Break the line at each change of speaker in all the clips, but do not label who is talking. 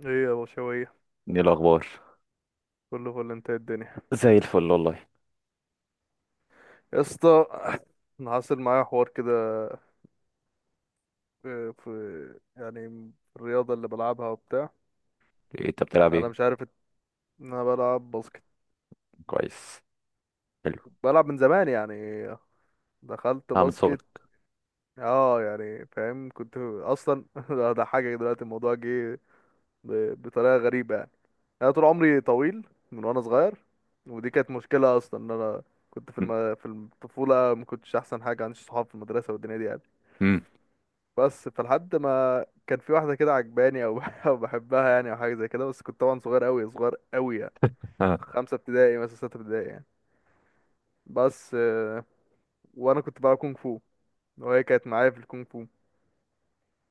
ايه يا بشوية،
ايه الاخبار؟
كله فل. انت إيه الدنيا؟
زي الفل والله.
يا اسطى، انا حاصل معايا حوار كده يعني الرياضة اللي بلعبها وبتاع.
إيه انت بتلعب
انا
ايه؟
مش عارف ان انا بلعب باسكت،
كويس. حلو.
بلعب من زمان يعني، دخلت
اه، من
باسكت.
صغرك؟
اه يعني فاهم، كنت اصلا ده حاجة دلوقتي الموضوع جه بطريقة غريبة يعني. انا طول عمري طويل من وانا صغير، ودي كانت مشكلة اصلا، ان انا كنت في
م-
في الطفولة ما كنتش احسن حاجة، عنديش صحاب في المدرسة والدنيا دي يعني.
م-
بس فلحد ما كان في واحدة كده عجباني أو أو بحبها يعني، أو حاجة زي كده، بس كنت طبعا صغير أوي صغير أوي يعني،
آه،
5 ابتدائي مثلا 6 ابتدائي يعني. بس آه، وأنا كنت بلعب كونغ فو، وهي كانت معايا في الكونغ فو،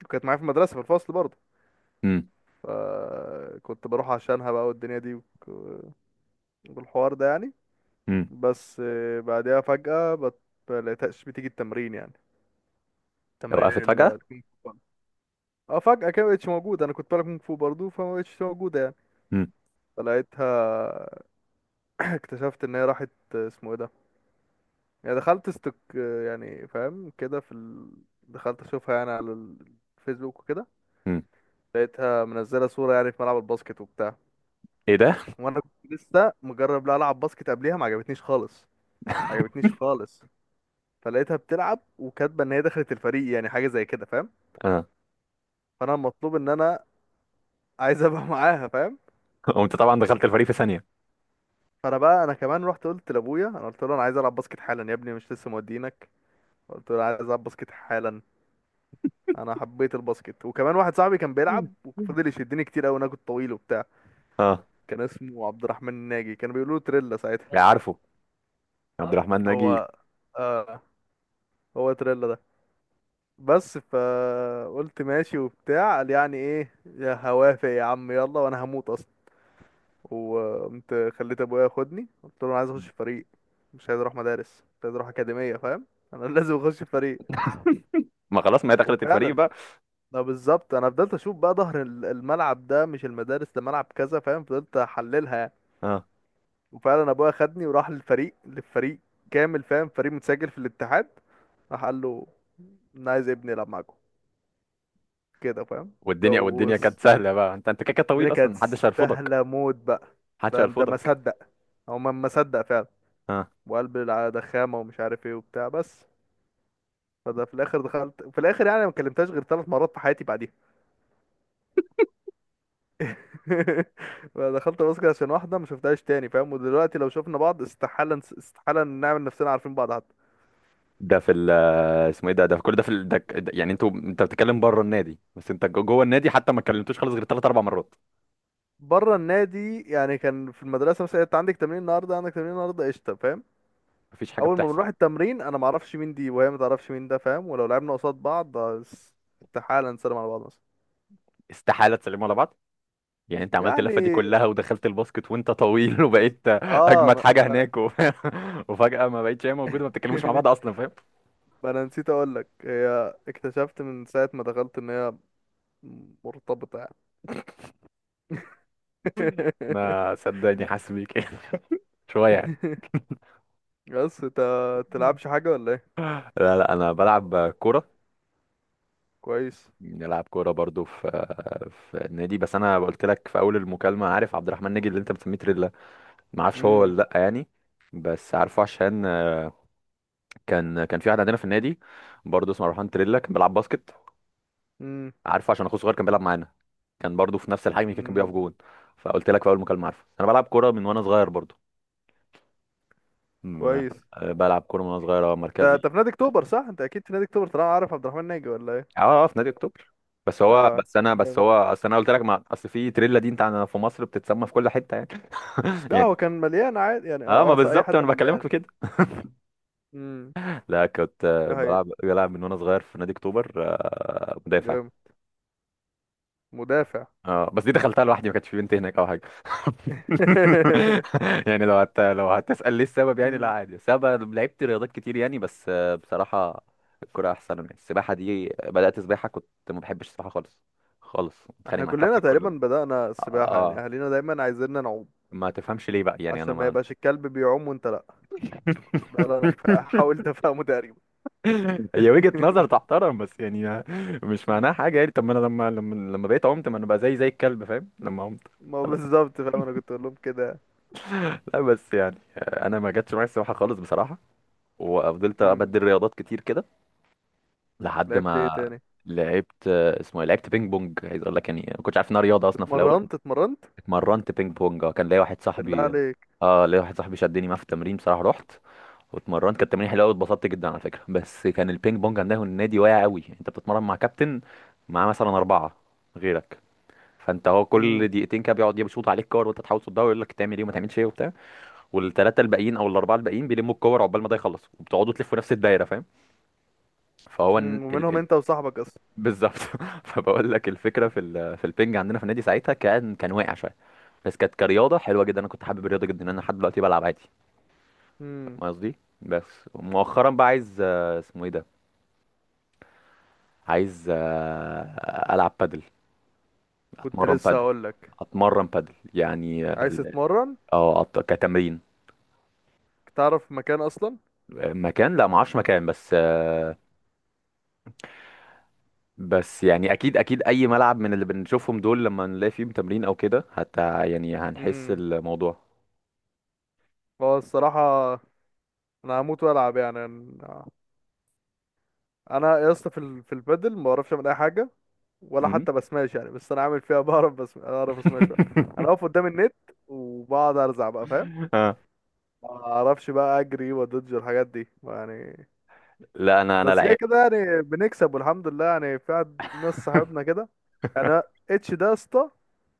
وكانت معايا في المدرسة في الفصل برضه،
م-
فكنت بروح عشانها بقى والدنيا دي والحوار ده يعني.
م.
بس آه، بعدها فجأة ملقتهاش بتيجي التمرين يعني،
لو وقفت
تمرين
فجأة؟
الكونغ فو. اه فجأة كده مبقتش موجودة، أنا كنت بلعب كونغ فو برضه فمبقتش موجودة يعني.
م-
فلقيتها، اكتشفت ان هي راحت، اسمه ايه ده، يعني دخلت استك، يعني فاهم كده، في دخلت اشوفها يعني على الفيسبوك وكده.
م.
لقيتها منزله صوره يعني في ملعب الباسكت وبتاع،
ايه ده؟
وانا كنت لسه مجرب لا العب باسكت قبليها، ما عجبتنيش خالص، ما عجبتنيش خالص. فلقيتها بتلعب وكاتبه ان هي دخلت الفريق يعني، حاجه زي كده فاهم.
اه.
فانا المطلوب ان انا عايز ابقى معاها فاهم.
وانت طبعا دخلت الفريق في ثانية.
فانا بقى انا كمان رحت قلت لابويا، انا قلت له انا عايز العب باسكت حالا. يا ابني مش لسه مودينك؟ قلت له أنا عايز العب باسكت حالا. انا حبيت الباسكت، وكمان واحد صاحبي كان
م-
بيلعب
م.
وفضل يشدني كتير قوي، انا كنت طويل وبتاع.
اه،
كان اسمه عبد الرحمن الناجي، كانوا بيقولوا له تريلا ساعتها.
يا عارفه، يا عبد الرحمن ناجي.
هو آه، هو تريلا ده. بس فقلت ماشي وبتاع، قال يعني ايه، يا هوافق يا عم يلا، وانا هموت اصلا. وقمت خليت ابويا ياخدني، قلت له انا عايز اخش فريق، مش عايز اروح مدارس، مش عايز اروح اكاديميه فاهم. انا لازم اخش فريق.
ما خلاص، ما هي دخلت الفريق
وفعلا،
بقى.
ده بالظبط، انا فضلت اشوف بقى ظهر الملعب ده، مش المدارس، ده ملعب كذا فاهم، فضلت احللها.
اه،
وفعلا ابويا خدني وراح للفريق، للفريق كامل فاهم، فريق متسجل في الاتحاد. راح قال له انا عايز ابني يلعب معاكم، كده فاهم. ده
والدنيا
وص-
كانت سهلة بقى، انت كده
الدنيا
طويل اصلا،
كانت
محدش هيرفضك.
سهله موت بقى.
محدش
ده ما
هيرفضك.
صدق، هو ما صدق فعلا.
اه،
وقلب ده خامه ومش عارف ايه وبتاع بس. فده في الاخر، دخلت في الاخر يعني، ما كلمتهاش غير 3 مرات في حياتي بعديها. دخلت باسكت عشان واحده ما شفتهاش تاني فاهم. ودلوقتي لو شفنا بعض استحاله استحاله نعمل نفسنا عارفين بعض حتى.
ده في ال، اسمه ايه ده، ده في كل ده في يعني انت بتتكلم بره النادي، بس انت جوه النادي حتى ما كلمتوش خالص غير ثلاث اربع مرات.
بره النادي يعني كان في المدرسه مثلا، انت عندك تمرين النهارده، عندك تمرين النهارده قشطه فاهم.
مفيش حاجه
اول ما
بتحصل.
بنروح التمرين انا ما اعرفش مين دي وهي ما تعرفش مين ده فاهم، ولو لعبنا قصاد بعض آه، استحاله نسلم على بعض مثلا.
استحاله تسلموا على بعض. يعني انت عملت
يعني
اللفه دي كلها ودخلت الباسكت وانت طويل وبقيت
اه،
اجمد
ما,
حاجه
ما...
هناك وفجاه ما بقتش هي موجوده، ما بتتكلموش مع
أنا-
بعض اصلا، فاهم؟
ما انا نسيت اقول لك هي اكتشفت من ساعه ما دخلت ان هي مرتبطه يعني.
انا صدقني حاسس بيك يعني شويه يعني.
بس انت تلعبش حاجه ولا ايه؟
لا لا، انا بلعب كوره.
كويس.
بلعب كوره برضو في في النادي، بس انا قلت لك في اول المكالمه، عارف عبد الرحمن ناجي اللي انت بتسميه تريلا؟ ما اعرفش هو ولا
امم.
لا يعني، بس عارفه عشان كان كان في واحد عندنا في النادي برضه اسمه روحان تريلا، كان بيلعب باسكت.
امم.
عارفه عشان اخوه صغير كان بيلعب معانا، كان برضو في نفس الحجم كده، كان بيقف
أمم.
جون. فقلت لك في اول مكالمه، عارفه انا بلعب كوره من وانا صغير برضو. م-
كويس.
آه، بلعب كوره من وانا صغير، آه،
انت انت
مركزي.
في نادي اكتوبر صح؟ انت اكيد في نادي اكتوبر طالما عارف عبد الرحمن ناجي، ولا
اه
ايه؟
اه، في نادي اكتوبر. بس هو
اه،
بس انا بس
جامد.
هو اصل انا قلت لك، ما اصل في تريلا دي انت عندنا في مصر بتتسمى في كل حته يعني.
لا
يعني
هو كان مليان عادي يعني،
اه، ما
اه اه اي
بالظبط
حد
انا بكلمك
مليان.
في كده.
امم.
لا، كنت آه،
دي
بلعب
حقيقة،
بلعب من وانا صغير في نادي اكتوبر، آه، مدافع.
جامد. مدافع.
اه، بس دي دخلتها لوحدي، ما كانش في بنت هناك او حاجه يعني لو لو هتسأل ليه السبب يعني، لا
امم.
عادي سبب. لعبت رياضات كتير يعني، بس آه، بصراحه الكوره احسن يعني. السباحه دي بدأت سباحه، كنت ما بحبش السباحه خالص. خالص، بتخانق
احنا
مع
كلنا
الكابتن كل
تقريبا
يوم.
بدأنا السباحة يعني،
اه،
اهالينا دايما عايزيننا نعوم،
ما تفهمش ليه بقى يعني، انا
عشان ما
ما
يبقاش الكلب بيعوم وانت لا. ده اللي انا حاولت افهمه تقريبا.
هي وجهة نظر تحترم، بس يعني مش
مم.
معناها حاجه يعني. طب ما انا لما بقيت عمت، ما انا بقى زي زي الكلب، فاهم؟ لما عمت.
ما هو بالظبط فاهم، انا كنت اقول لهم كده.
لا، بس يعني آه، انا ما جاتش معايا السباحه خالص بصراحه، وفضلت
امم.
ابدل رياضات كتير كده لحد
لعبت ايه
ما.
تاني؟
لعبت آه، اسمه إيه؟ لعبت بينج بونج، عايز اقول لك يعني ما كنتش عارف انها رياضه اصلا في الاول.
اتمرنت
اتمرنت بينج بونج. آه، كان ليا واحد
بالله
صاحبي.
عليك.
اه، ليا واحد صاحبي شدني معاه في التمرين بصراحه. رحت واتمرنت، كانت تمرين حلوه قوي، اتبسطت جدا على فكره. بس كان البينج بونج عندنا النادي واقع قوي. انت بتتمرن مع كابتن، معاه مثلا اربعه غيرك، فانت هو كل
امم.
دقيقتين كده بيقعد يشوط عليك كور وانت تحاول تصدها، ويقول لك تعمل ايه وما تعملش ايه وبتاع، والثلاثه الباقيين او الاربعه الباقيين بيلموا الكور عقبال ما ده يخلص، وبتقعدوا تلفوا نفس الدايره، فاهم؟ فهو
ومنهم انت وصاحبك.
بالظبط. فبقول لك الفكره في في البنج عندنا في النادي ساعتها، كان واقع شويه، بس كانت كرياضه حلوه جدا. انا كنت حابب الرياضه جدا، انا لحد دلوقتي بلعب عادي. فاهم
اصلا
قصدي؟ بس مؤخرا بقى عايز آه، اسمه ايه ده، عايز آه، العب بادل.
كنت
اتمرن
لسه
بادل.
هقول لك.
اتمرن بادل يعني، اه
عايز تتمرن؟
آه، كتمرين.
تعرف مكان اصلا؟
مكان، لا ما اعرفش مكان، بس آه، بس يعني اكيد اكيد اي ملعب من اللي بنشوفهم دول لما نلاقي فيهم تمرين او كده، حتى يعني هنحس
امم.
الموضوع.
هو الصراحه، انا هموت والعب يعني. انا، أنا يا اسطى في في البادل ما بعرفش اعمل اي حاجه، ولا حتى بسماش يعني، بس انا عامل فيها بعرف، بس اعرف اسماش بقى. انا اقف قدام النت وبقعد ارزع بقى فاهم.
آه.
ما اعرفش بقى اجري وادج الحاجات دي يعني.
لا، انا
بس كده
لعيب.
كده يعني بنكسب والحمد لله يعني، في واحد- ناس صاحبنا كده يعني. انا اتش ده يا اسطى،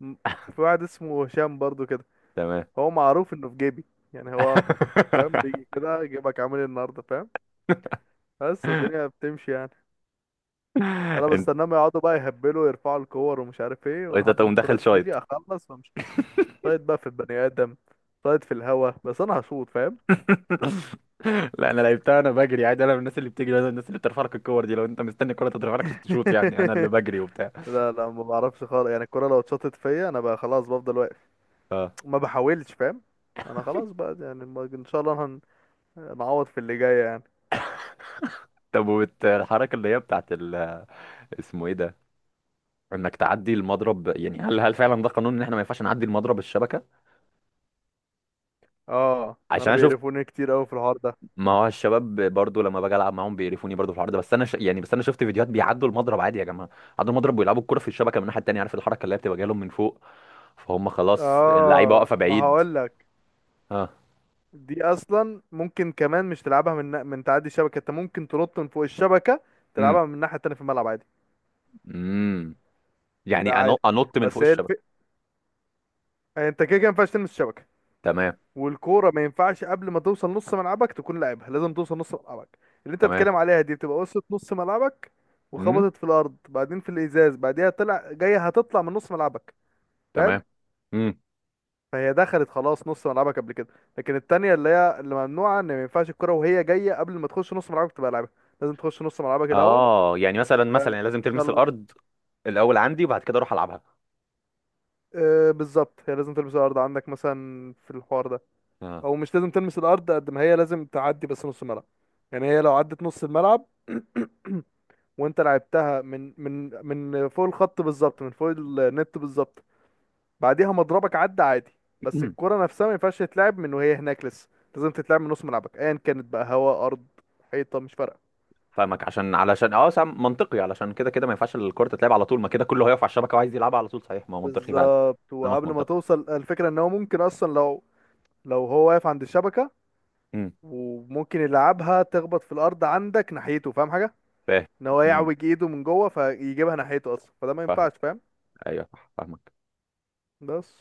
م- في واحد اسمه هشام برضو كده،
تمام.
هو معروف انه في جيبي يعني، هو فاهم، بيجي كده جيبك، عامل إيه النهارده فاهم. بس الدنيا بتمشي يعني. انا
انت
بستناهم يقعدوا بقى يهبلوا يرفعوا الكور ومش عارف ايه،
انت
ولحد ما
تقوم
الكرة
داخل شايط.
تجيلي اخلص وامشي، صايد بقى في البني ادم، صايد في الهوا بس انا هشوط فاهم.
لا، انا لعبتها. انا بجري عادي، انا من الناس اللي بتجري، انا من الناس اللي بترفع لك الكور دي. لو انت مستني الكوره تترفع لك عشان تشوط يعني، انا اللي بجري وبتاع.
لا لا ما بعرفش خالص يعني، الكرة لو اتشاطت فيا انا بقى خلاص بفضل واقف،
اه.
ما بحاولش فاهم. انا خلاص بقى يعني ان شاء الله نعوض في اللي جاي يعني.
طب الحركه اللي هي بتاعت اسمه ايه ده، انك تعدي المضرب، يعني هل فعلا ده قانون ان احنا ما ينفعش نعدي المضرب الشبكه؟
اه
عشان
انا
انا شفت،
بيقرفوني كتير قوي في الحوار ده.
ما هو الشباب برضو لما باجي العب معاهم بيقرفوني برضو في الحوار ده. بس انا يعني بس انا شفت فيديوهات بيعدوا المضرب عادي يا جماعه. عدوا المضرب ويلعبوا الكره في الشبكه من الناحيه التانيه، عارف الحركه اللي هي بتبقى جايه لهم من فوق؟ فهم خلاص اللعيبه
اه
واقفه
ما
بعيد.
هقول لك،
اه.
دي اصلا ممكن كمان مش تلعبها من، من تعدي الشبكه انت، ممكن تنط من فوق الشبكه
امم.
تلعبها من الناحيه التانيه في الملعب عادي.
امم. يعني
لا عادي.
انط من فوق
بس هي
الشبكه.
انت كده كده ما ينفعش تلمس الشبكه،
تمام.
والكوره ما ينفعش قبل ما توصل نص ملعبك تكون لاعبها، لازم توصل نص ملعبك. اللي انت
تمام.
بتتكلم عليها دي بتبقى وصلت نص ملعبك،
امم.
وخبطت في الارض، بعدين في الازاز، بعديها طلع جايه، هتطلع من نص ملعبك فاهم.
تمام. امم.
فهي دخلت خلاص نص ملعبك قبل كده. لكن التانية اللي هي اللي ممنوعة، ان ما ينفعش الكرة وهي جاية قبل ما تخش نص ملعبك تبقى لعبها، لازم تخش نص ملعبك الأول.
اه، يعني مثلا
يعني
مثلا يعني لازم
ان شاء
تلمس
الله.
الارض الاول عندي، وبعد كده اروح العبها.
آه بالظبط، هي لازم تلمس الارض عندك مثلا في الحوار ده،
اه.
او مش لازم تلمس الارض قد ما هي لازم تعدي بس نص الملعب. يعني هي لو عدت نص الملعب وانت لعبتها من من فوق الخط بالظبط، من فوق النت بالظبط، بعديها مضربك عدى عادي. بس الكرة نفسها ما ينفعش تتلعب من وهي هناك لسه، لازم تتلعب من نص ملعبك ايا كانت بقى، هواء ارض حيطة مش فارقة.
فاهمك، عشان علشان اه سام منطقي، علشان كده كده ما ينفعش الكرة تتلعب على طول، ما كده كله هيقف على الشبكة وعايز يلعبها على طول. صحيح، ما هو منطقي فعلا.
بالظبط،
كلامك
وقبل ما
منطقي.
توصل الفكرة، ان هو ممكن اصلا لو هو واقف عند الشبكة
امم.
وممكن يلعبها، تخبط في الارض عندك ناحيته فاهم حاجه،
فاهم.
ان هو
امم.
يعوج ايده من جوه فيجيبها ناحيته اصلا، فده ما
فاهمك.
ينفعش فاهم.
ايوه صح، فاهمك.
بس،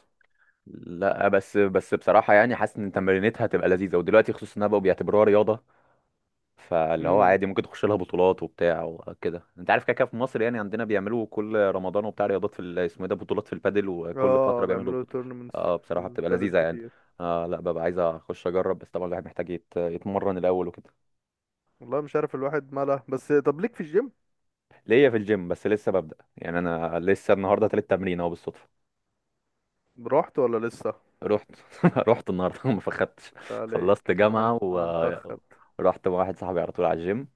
لا بس، بصراحة يعني حاسس ان تمرينتها هتبقى لذيذة، ودلوقتي خصوصا انها بقوا بيعتبروها رياضة، فاللي هو
امم
عادي ممكن تخش لها بطولات وبتاع وكده. انت عارف كده كده في مصر يعني، عندنا بيعملوا كل رمضان وبتاع رياضات في اسمه ايه ده، بطولات في البادل، وكل
اه
فتره بيعملوا
بيعملوا
بطولة.
تورنمنتس
اه
في
بصراحه بتبقى
البادل
لذيذه يعني.
كتير.
آه لا، ببقى عايز اخش اجرب، بس طبعا الواحد محتاج يتمرن الاول وكده.
والله مش عارف الواحد ماله، بس طب ليك في الجيم؟
ليا في الجيم، بس لسه ببدأ يعني. انا لسه النهارده تالت تمرين اهو بالصدفه.
رحت ولا لسه؟
رحت. رحت النهارده، ما فخدتش.
لا
خلصت
عليك، انا
جامعه
انا مفخد.
ورحت مع واحد صاحبي على طول على الجيم.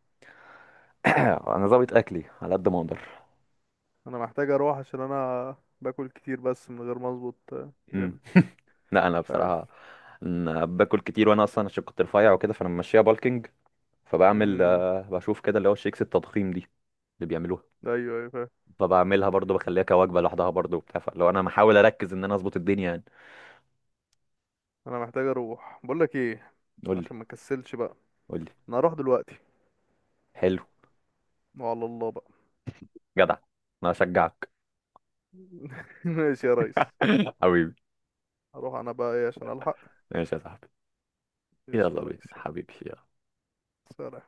انا ظابط اكلي على قد ما اقدر.
انا محتاج اروح عشان انا باكل كتير بس من غير ما اظبط جيم،
لا انا
مش عارف.
بصراحه، أنا باكل كتير، وانا اصلا عشان كنت رفيع وكده فانا ماشيها بالكينج. فبعمل
امم.
آه، بشوف كده اللي هو الشيكس التضخيم دي اللي بيعملوها،
ايوه ايوه فاهم.
فبعملها برضو بخليها كوجبه لوحدها برضو وبتاع، فلو انا محاول اركز ان انا اظبط الدنيا يعني.
انا محتاج اروح بقول لك ايه،
قول لي.
عشان ما كسلش بقى.
قول لي.
انا هروح دلوقتي،
حلو.
وعلى الله بقى.
جدع، انا اشجعك.
ماشي يا ريس.
حبيبي.
هروح انا بقى ايه عشان الحق.
ماشي يا صاحبي.
قشطة يا
يلا بينا
ريس، يلا.
حبيبي، يلا.
سلام.